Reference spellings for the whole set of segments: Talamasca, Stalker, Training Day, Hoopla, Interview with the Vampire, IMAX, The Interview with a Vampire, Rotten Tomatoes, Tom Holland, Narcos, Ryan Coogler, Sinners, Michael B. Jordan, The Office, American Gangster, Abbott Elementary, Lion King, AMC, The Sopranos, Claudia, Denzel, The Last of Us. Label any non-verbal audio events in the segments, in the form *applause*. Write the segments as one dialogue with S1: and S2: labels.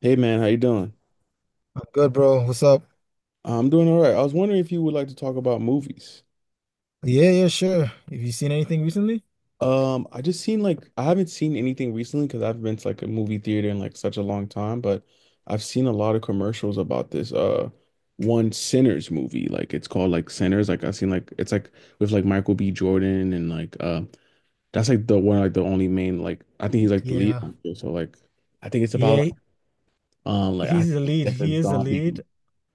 S1: Hey man, how you doing?
S2: I'm good, bro. What's up?
S1: I'm doing all right. I was wondering if you would like to talk about movies.
S2: Yeah, yeah, sure. Have you seen anything recently?
S1: I just seen like I haven't seen anything recently because I haven't been to like a movie theater in like such a long time, but I've seen a lot of commercials about this one Sinners movie. Like it's called like Sinners. Like I've seen like it's like with like Michael B. Jordan and like that's like the one like the only main like I think he's like the lead
S2: Yeah.
S1: actor. So like I think it's about
S2: Yeah,
S1: like I
S2: he's the
S1: think
S2: lead.
S1: like
S2: He
S1: a
S2: is the
S1: zombie.
S2: lead.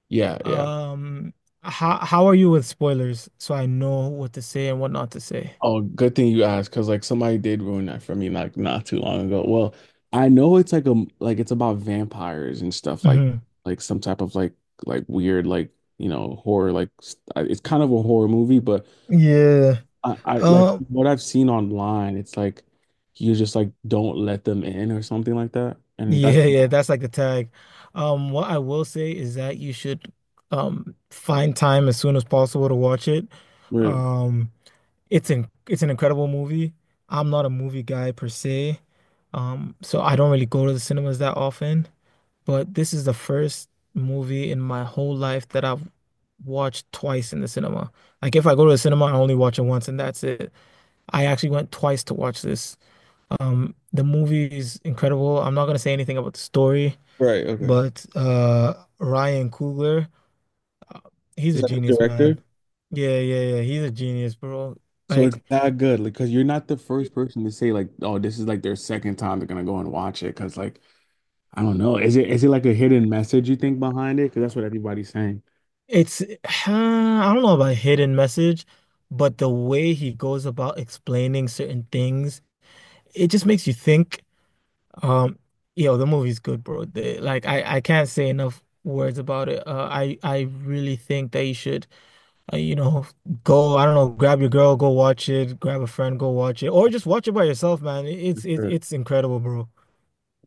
S1: Yeah, yeah.
S2: Um, how are you with spoilers? So I know what to say and what not to say.
S1: Oh, good thing you asked, because like somebody did ruin that for me like not too long ago. Well, I know it's like a like it's about vampires and stuff
S2: Hmm
S1: like some type of like weird like you know horror like it's kind of a horror movie, but
S2: Yeah.
S1: I like
S2: Um,
S1: what I've seen online, it's like you just like don't let them in or something like that, and that's
S2: Yeah, yeah, that's like the tag. What I will say is that you should find time as soon as possible to watch it.
S1: really
S2: Um, it's an incredible movie. I'm not a movie guy per se, so I don't really go to the cinemas that often. But this is the first movie in my whole life that I've watched twice in the cinema. Like if I go to the cinema, I only watch it once and that's it. I actually went twice to watch this. The movie is incredible. I'm not gonna say anything about the story,
S1: right. Okay,
S2: but Ryan Coogler, uh, he's
S1: is
S2: a
S1: that the
S2: genius,
S1: director?
S2: man. Yeah, yeah, yeah. He's a genius, bro.
S1: So it's
S2: Like.
S1: that good, like, because you're not the first person to say like, oh, this is like their second time they're gonna go and watch it, because like. I don't know. Is it like a hidden message you think behind it? Because that's what everybody's saying.
S2: It's, *sighs* I don't know about hidden message, but the way he goes about explaining certain things, it just makes you think. Um, yo, the movie's good, bro. Like, I can't say enough words about it. I really think that you should, you know, go, I don't know, grab your girl, go watch it, grab a friend, go watch it, or just watch it by yourself, man. It's, it,
S1: Sure,
S2: it's incredible, bro.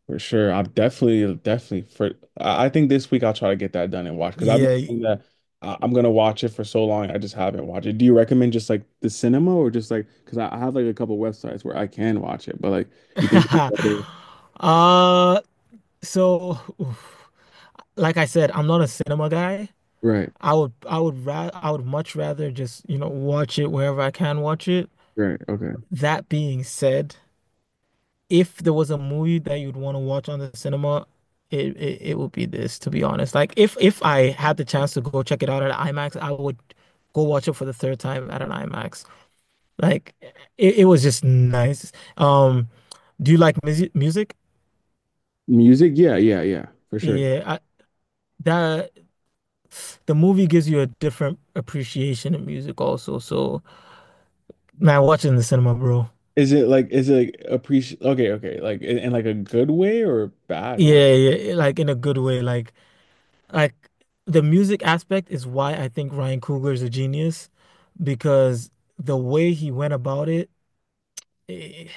S1: for sure. I'm definitely, definitely for. I think this week I'll try to get that done and watch because I've
S2: Yeah.
S1: been thinking that I- I'm gonna watch it for so long. I just haven't watched it. Do you recommend just like the cinema or just like because I have like a couple websites where I can watch it, but like you think
S2: *laughs* Uh, so, *sighs* oof. Like I said, I'm not a cinema guy.
S1: right,
S2: I would much rather just, you know, watch it wherever I can watch it.
S1: right, okay.
S2: That being said, if there was a movie that you'd want to watch on the cinema, it would be this, to be honest. Like if I had the chance to go check it out at IMAX, I would go watch it for the third time at an IMAX. Like it was just nice. Um, do you like music music?
S1: Music, yeah, yeah, yeah, for sure.
S2: Yeah, I, that the movie gives you a different appreciation of music also. So, man, watch it in the cinema, bro.
S1: Is it like appreciate? Okay, okay, like in like a good way or a bad way?
S2: Yeah, yeah, yeah, like in a good way. Like the music aspect is why I think Ryan Coogler is a genius because the way he went about it, eh,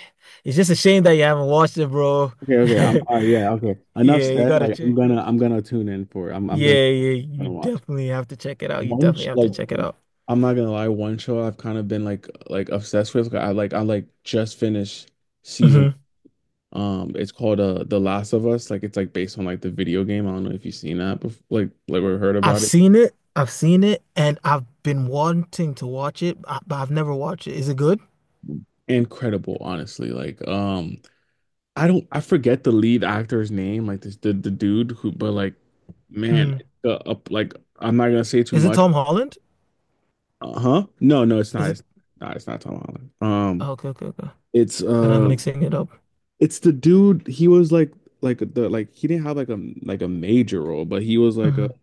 S2: it's just a shame that you haven't watched it, bro.
S1: Okay, okay. I'm
S2: *laughs*
S1: yeah, okay. Enough
S2: Yeah, you
S1: said.
S2: gotta
S1: Like I'm
S2: check.
S1: gonna I'm gonna tune in for it. I'm gonna
S2: Yeah, yeah, you
S1: gonna watch.
S2: definitely have to check it out. You
S1: One
S2: definitely
S1: sh-
S2: have to
S1: like
S2: check it out.
S1: I'm not gonna lie, one show I've kind of been like obsessed with. Like, I like I like just finished season
S2: Hmm
S1: it's called The Last of Us. Like it's like based on like the video game. I don't know if you've seen that before like or heard
S2: I've
S1: about it.
S2: seen it. I've seen it, and I've been wanting to watch it, but I've never watched it. Is it good?
S1: Incredible, honestly. Like I don't I forget the lead actor's name, like this the dude who but like man,
S2: Mm.
S1: like, up like I'm not gonna say too
S2: Is it
S1: much.
S2: Tom Holland?
S1: Uh huh. No, it's
S2: Is
S1: not.
S2: it?
S1: It's not. It's not Tom Holland.
S2: Oh, okay, okay, okay.
S1: It's
S2: Then I'm
S1: uh,
S2: mixing it up.
S1: it's the dude. He was like the like he didn't have like a major role, but he was like a.
S2: Mhm.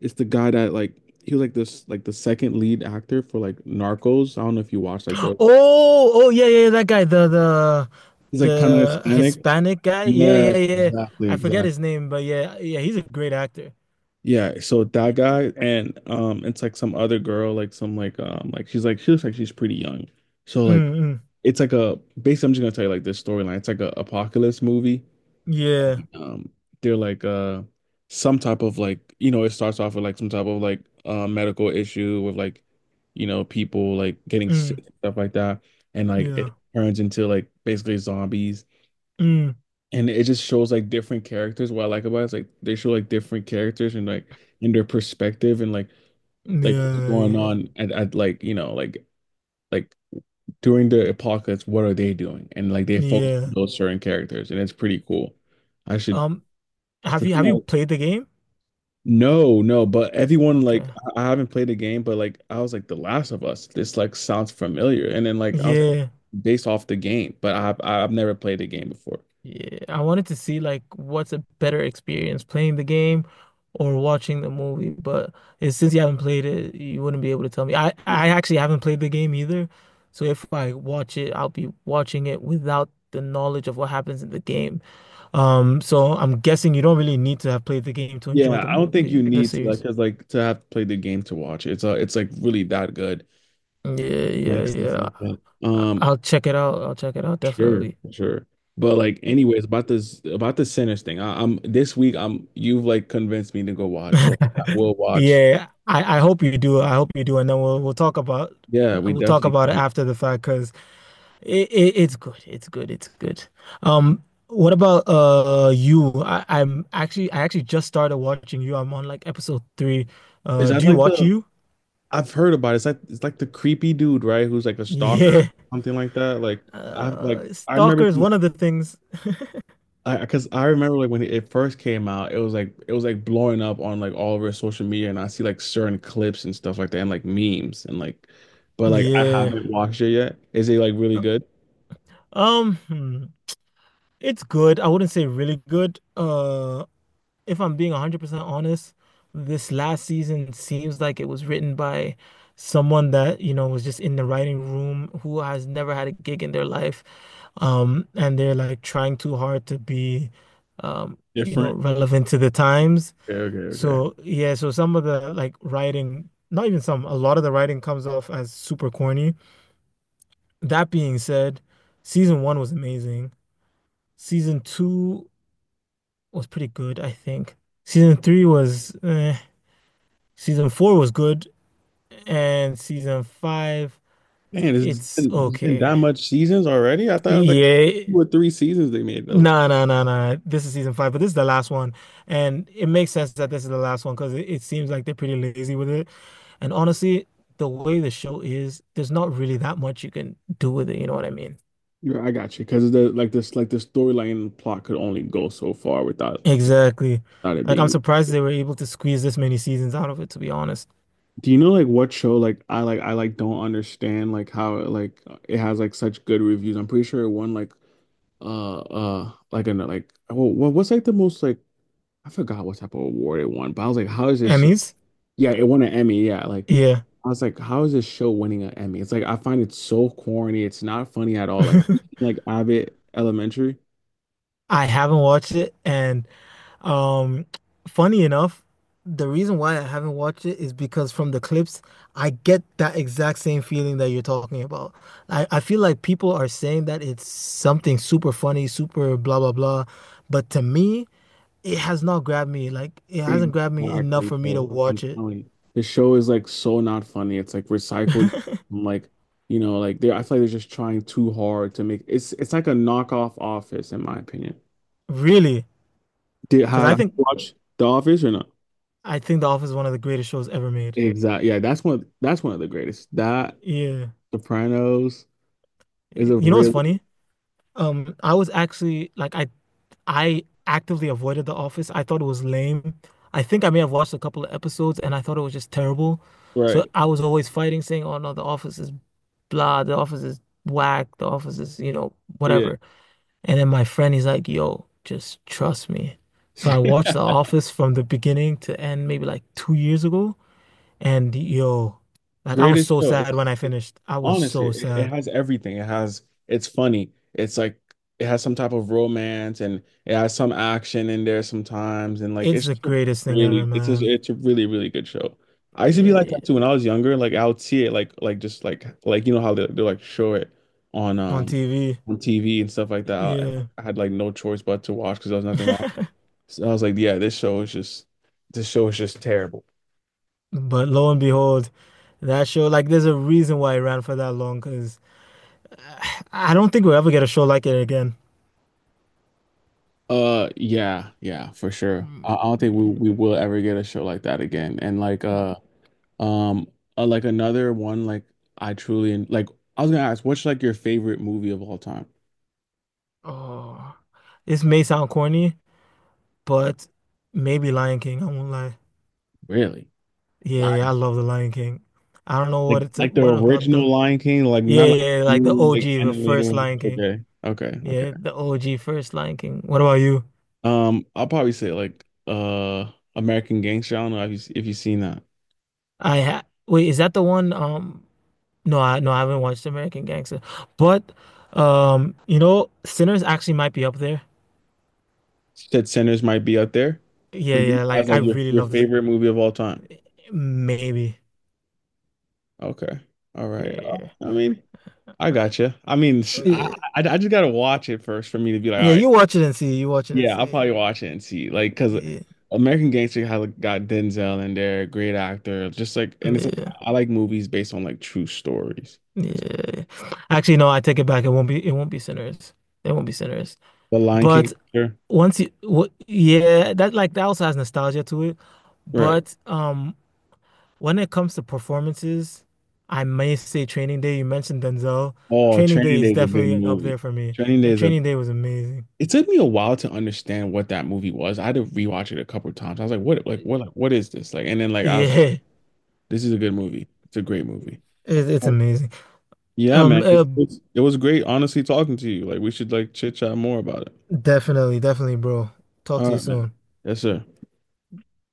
S1: It's the guy that like he was like this like the second lead actor for like Narcos. I don't know if you watched like
S2: Oh,
S1: the.
S2: oh yeah, yeah, yeah, that guy, the the
S1: He's like kind of
S2: the
S1: Hispanic.
S2: Hispanic guy. Yeah, yeah,
S1: Yes,
S2: yeah.
S1: exactly,
S2: I forget his
S1: exactly.
S2: name, but yeah, yeah, he's a great actor.
S1: Yeah, so that
S2: Y-
S1: guy and it's like some other girl, like some like she's like she looks like she's pretty young. So like
S2: Mm, mm,
S1: it's like a basically I'm just gonna tell you like this storyline. It's like a apocalypse movie.
S2: yeah,
S1: Um they're like some type of like you know, it starts off with like some type of like medical issue with like you know people like getting sick
S2: mm,
S1: and stuff like that and like
S2: yeah,
S1: it turns into like basically zombies
S2: mm,
S1: and it just shows like different characters. What I like about it is like they show like different characters and like in their perspective and like what's
S2: yeah,
S1: going
S2: yeah,
S1: on at like you know like during the apocalypse what are they doing and like they focus on
S2: yeah.
S1: those certain characters and it's pretty cool. I should
S2: Um, have
S1: the
S2: you
S1: thing
S2: have you
S1: I-
S2: played the game?
S1: no no but everyone like
S2: Okay.
S1: I haven't played the game but like I was like The Last of Us this like sounds familiar and then like I was like
S2: Yeah.
S1: based off the game but I've never played the game before
S2: Yeah, I wanted to see like what's a better experience, playing the game or watching the movie. But since you haven't played it, you wouldn't be able to tell me. I actually haven't played the game either, so if I watch it, I'll be watching it without the knowledge of what happens in the game. So I'm guessing you don't really need to have played the game to enjoy
S1: yeah
S2: the
S1: I don't think you
S2: movie, the
S1: need to like
S2: series.
S1: because like to have played the game to watch it. It's it's like really that good
S2: Yeah, yeah,
S1: like stuff
S2: yeah.
S1: like that um.
S2: I'll check it out. I'll check it out
S1: Sure,
S2: definitely.
S1: sure. But like, anyways, about this about the Sinners thing. I'm this week. I'm you've like convinced me to go watch,
S2: *laughs*
S1: so I will watch.
S2: Yeah, I hope you do. I hope you do, and then we'll we'll talk about
S1: Yeah, we
S2: we'll talk
S1: definitely
S2: about it
S1: can.
S2: after the fact because it's good. It's good. It's good. What about you? I actually just started watching you. I'm on like episode three.
S1: Is
S2: Uh,
S1: that
S2: do you
S1: like
S2: watch
S1: the
S2: you? *laughs*
S1: I've heard about it. It's like the creepy dude, right? Who's like a stalker,
S2: Yeah.
S1: something like that. Like I've like I remember
S2: Stalker is one of the things.
S1: because I remember like when it first came out, it was like blowing up on like all over social media, and I see like certain clips and stuff like that, and like memes and like, but like I
S2: Yeah.
S1: haven't watched it yet. Is it like really good?
S2: Um, hmm. It's good. I wouldn't say really good. If I'm being 100% honest, this last season seems like it was written by someone that, you know, was just in the writing room who has never had a gig in their life. And they're like trying too hard to be, you know,
S1: Different?
S2: relevant to the times.
S1: Okay, okay, okay.
S2: So, yeah, so some of the like writing, not even some, a lot of the writing comes off as super corny. That being said, season one was amazing. Season two was pretty good, I think. Season three was eh. Season four was good, and season five,
S1: Man, it's has
S2: it's
S1: been, it's been
S2: okay.
S1: that much seasons already. I thought it was like
S2: Yeah,
S1: two or three seasons they made though.
S2: nah, nah, nah, nah. This is season five, but this is the last one, and it makes sense that this is the last one because it seems like they're pretty lazy with it. And honestly, the way the show is, there's not really that much you can do with it. You know what I mean?
S1: Yeah, I got you. Because the like this like the storyline and plot could only go so far without
S2: Exactly.
S1: without it
S2: Like I'm
S1: being.
S2: surprised they were able to squeeze this many seasons out of it, to be honest.
S1: Do you know like what show like I like I like don't understand like how it, like it has like such good reviews. I'm pretty sure it won like uh like an like oh what what's like the most like I forgot what type of award it won, but I was like, how is this show?
S2: Emmys?
S1: Yeah, it won an Emmy. Yeah, like
S2: Yeah.
S1: I was like, how is this show winning an Emmy? It's like I find it so corny. It's not funny at
S2: *laughs*
S1: all. Like
S2: I
S1: *laughs* like Abbott Elementary.
S2: haven't watched it, and Um, funny enough, the reason why I haven't watched it is because from the clips, I get that exact same feeling that you're talking about. I feel like people are saying that it's something super funny, super blah blah blah, but to me, it has not grabbed me. Like it hasn't grabbed me enough
S1: Exactly,
S2: for me
S1: bro.
S2: to
S1: Like I'm
S2: watch it.
S1: telling you, the show is like so not funny. It's like recycled, like you know, like they. I feel like they're just trying too hard to make. It's like a knockoff Office, in my opinion.
S2: Really,
S1: Did
S2: because
S1: have,
S2: I
S1: have you
S2: think
S1: watched The Office or not?
S2: I think The Office is one of the greatest shows ever made.
S1: Exactly. Yeah, that's one. That's one of the greatest. That
S2: Yeah.
S1: Sopranos is a
S2: You know what's
S1: real
S2: funny? I was actually like I actively avoided The Office. I thought it was lame. I think I may have watched a couple of episodes and I thought it was just terrible. So
S1: right.
S2: I was always fighting, saying, "Oh no, The Office is blah. The Office is whack. The Office is, you know,
S1: Yeah.
S2: whatever." And then my friend, he's like, "Yo, just trust me." So I watched The
S1: *laughs*
S2: Office from the beginning to end, maybe like 2 years ago, and yo, like I was
S1: Greatest
S2: so
S1: show.
S2: sad when I finished. I was
S1: Honestly,
S2: so
S1: it
S2: sad.
S1: has everything. It has it's funny. It's like it has some type of romance and it has some action in there sometimes and like
S2: It's
S1: it's
S2: the greatest thing ever,
S1: really it's just
S2: man.
S1: it's a really really good show. I used to be
S2: Yeah,
S1: like
S2: yeah.
S1: that too when I was younger. Like I would see it like just like you know how they like show it on
S2: On
S1: um
S2: TV.
S1: on TV and stuff like that.
S2: Yeah.
S1: I had like no choice but to watch because there was nothing on.
S2: *laughs*
S1: So I was like, yeah, this show is just this show is just terrible.
S2: But lo and behold, that show, like, there's a reason why it ran for that long, because *sighs* I don't think we'll ever get a show like it again.
S1: Yeah, yeah, for sure. I,
S2: Mm.
S1: I don't think we will ever get a show like that again. And um, like another one like I truly en- like. I was gonna ask, what's like your favorite movie of all time?
S2: Oh, this may sound corny, but maybe Lion King. I won't lie.
S1: Really?
S2: Yeah, yeah, I
S1: Lion.
S2: love the Lion King. I don't know
S1: Like the
S2: what about
S1: original
S2: the.
S1: Lion King, like
S2: Yeah,
S1: not like
S2: yeah, yeah, like the
S1: new, like
S2: OG, the
S1: animated
S2: first
S1: one.
S2: Lion King.
S1: Okay, okay,
S2: Yeah,
S1: okay.
S2: the OG first Lion King. What about you?
S1: I'll probably say like American Gangster. I don't know if you if you've seen that.
S2: I ha wait, is that the one? No, I haven't watched American Gangster, but you know, Sinners actually might be up there.
S1: You said Sinners might be up there for
S2: Yeah,
S1: you
S2: yeah,
S1: as
S2: like I
S1: like
S2: really
S1: your
S2: love this.
S1: favorite movie of all time.
S2: Maybe,
S1: Okay. All right.
S2: yeah, yeah,
S1: I mean, I gotcha. I mean,
S2: yeah.
S1: I just gotta watch it first for me to be like, all
S2: Yeah,
S1: right,
S2: you watch it and see. You watch it and
S1: yeah, I'll
S2: see.
S1: probably watch it and see, like, because
S2: Yeah,
S1: American Gangster has like, got Denzel in there, great actor, just like, and it's like
S2: yeah,
S1: I like movies based on like true stories.
S2: yeah. Actually, no, I take it back. It won't be. It won't be Sinners. It won't be Sinners.
S1: The Lion King,
S2: But
S1: sure.
S2: once you, what, yeah, that like that also has nostalgia to it.
S1: Right.
S2: But when it comes to performances, I may say Training Day. You mentioned Denzel.
S1: Oh,
S2: Training Day
S1: Training
S2: is
S1: Day is a good
S2: definitely up there
S1: movie.
S2: for me.
S1: Training Day
S2: Yeah,
S1: is a.
S2: Training Day was amazing.
S1: It took me a while to understand what that movie was. I had to rewatch it a couple of times. I was like, what, like, what, like, what is this? Like, and then like I was like,
S2: Yeah,
S1: this is a good
S2: it,
S1: movie. It's a great movie.
S2: it's amazing.
S1: Yeah,
S2: Um,
S1: man.
S2: uh,
S1: It was great, honestly, talking to you. Like, we should like chit chat more about it.
S2: definitely, definitely, bro. Talk
S1: All
S2: to you
S1: right, man.
S2: soon.
S1: Yes, sir.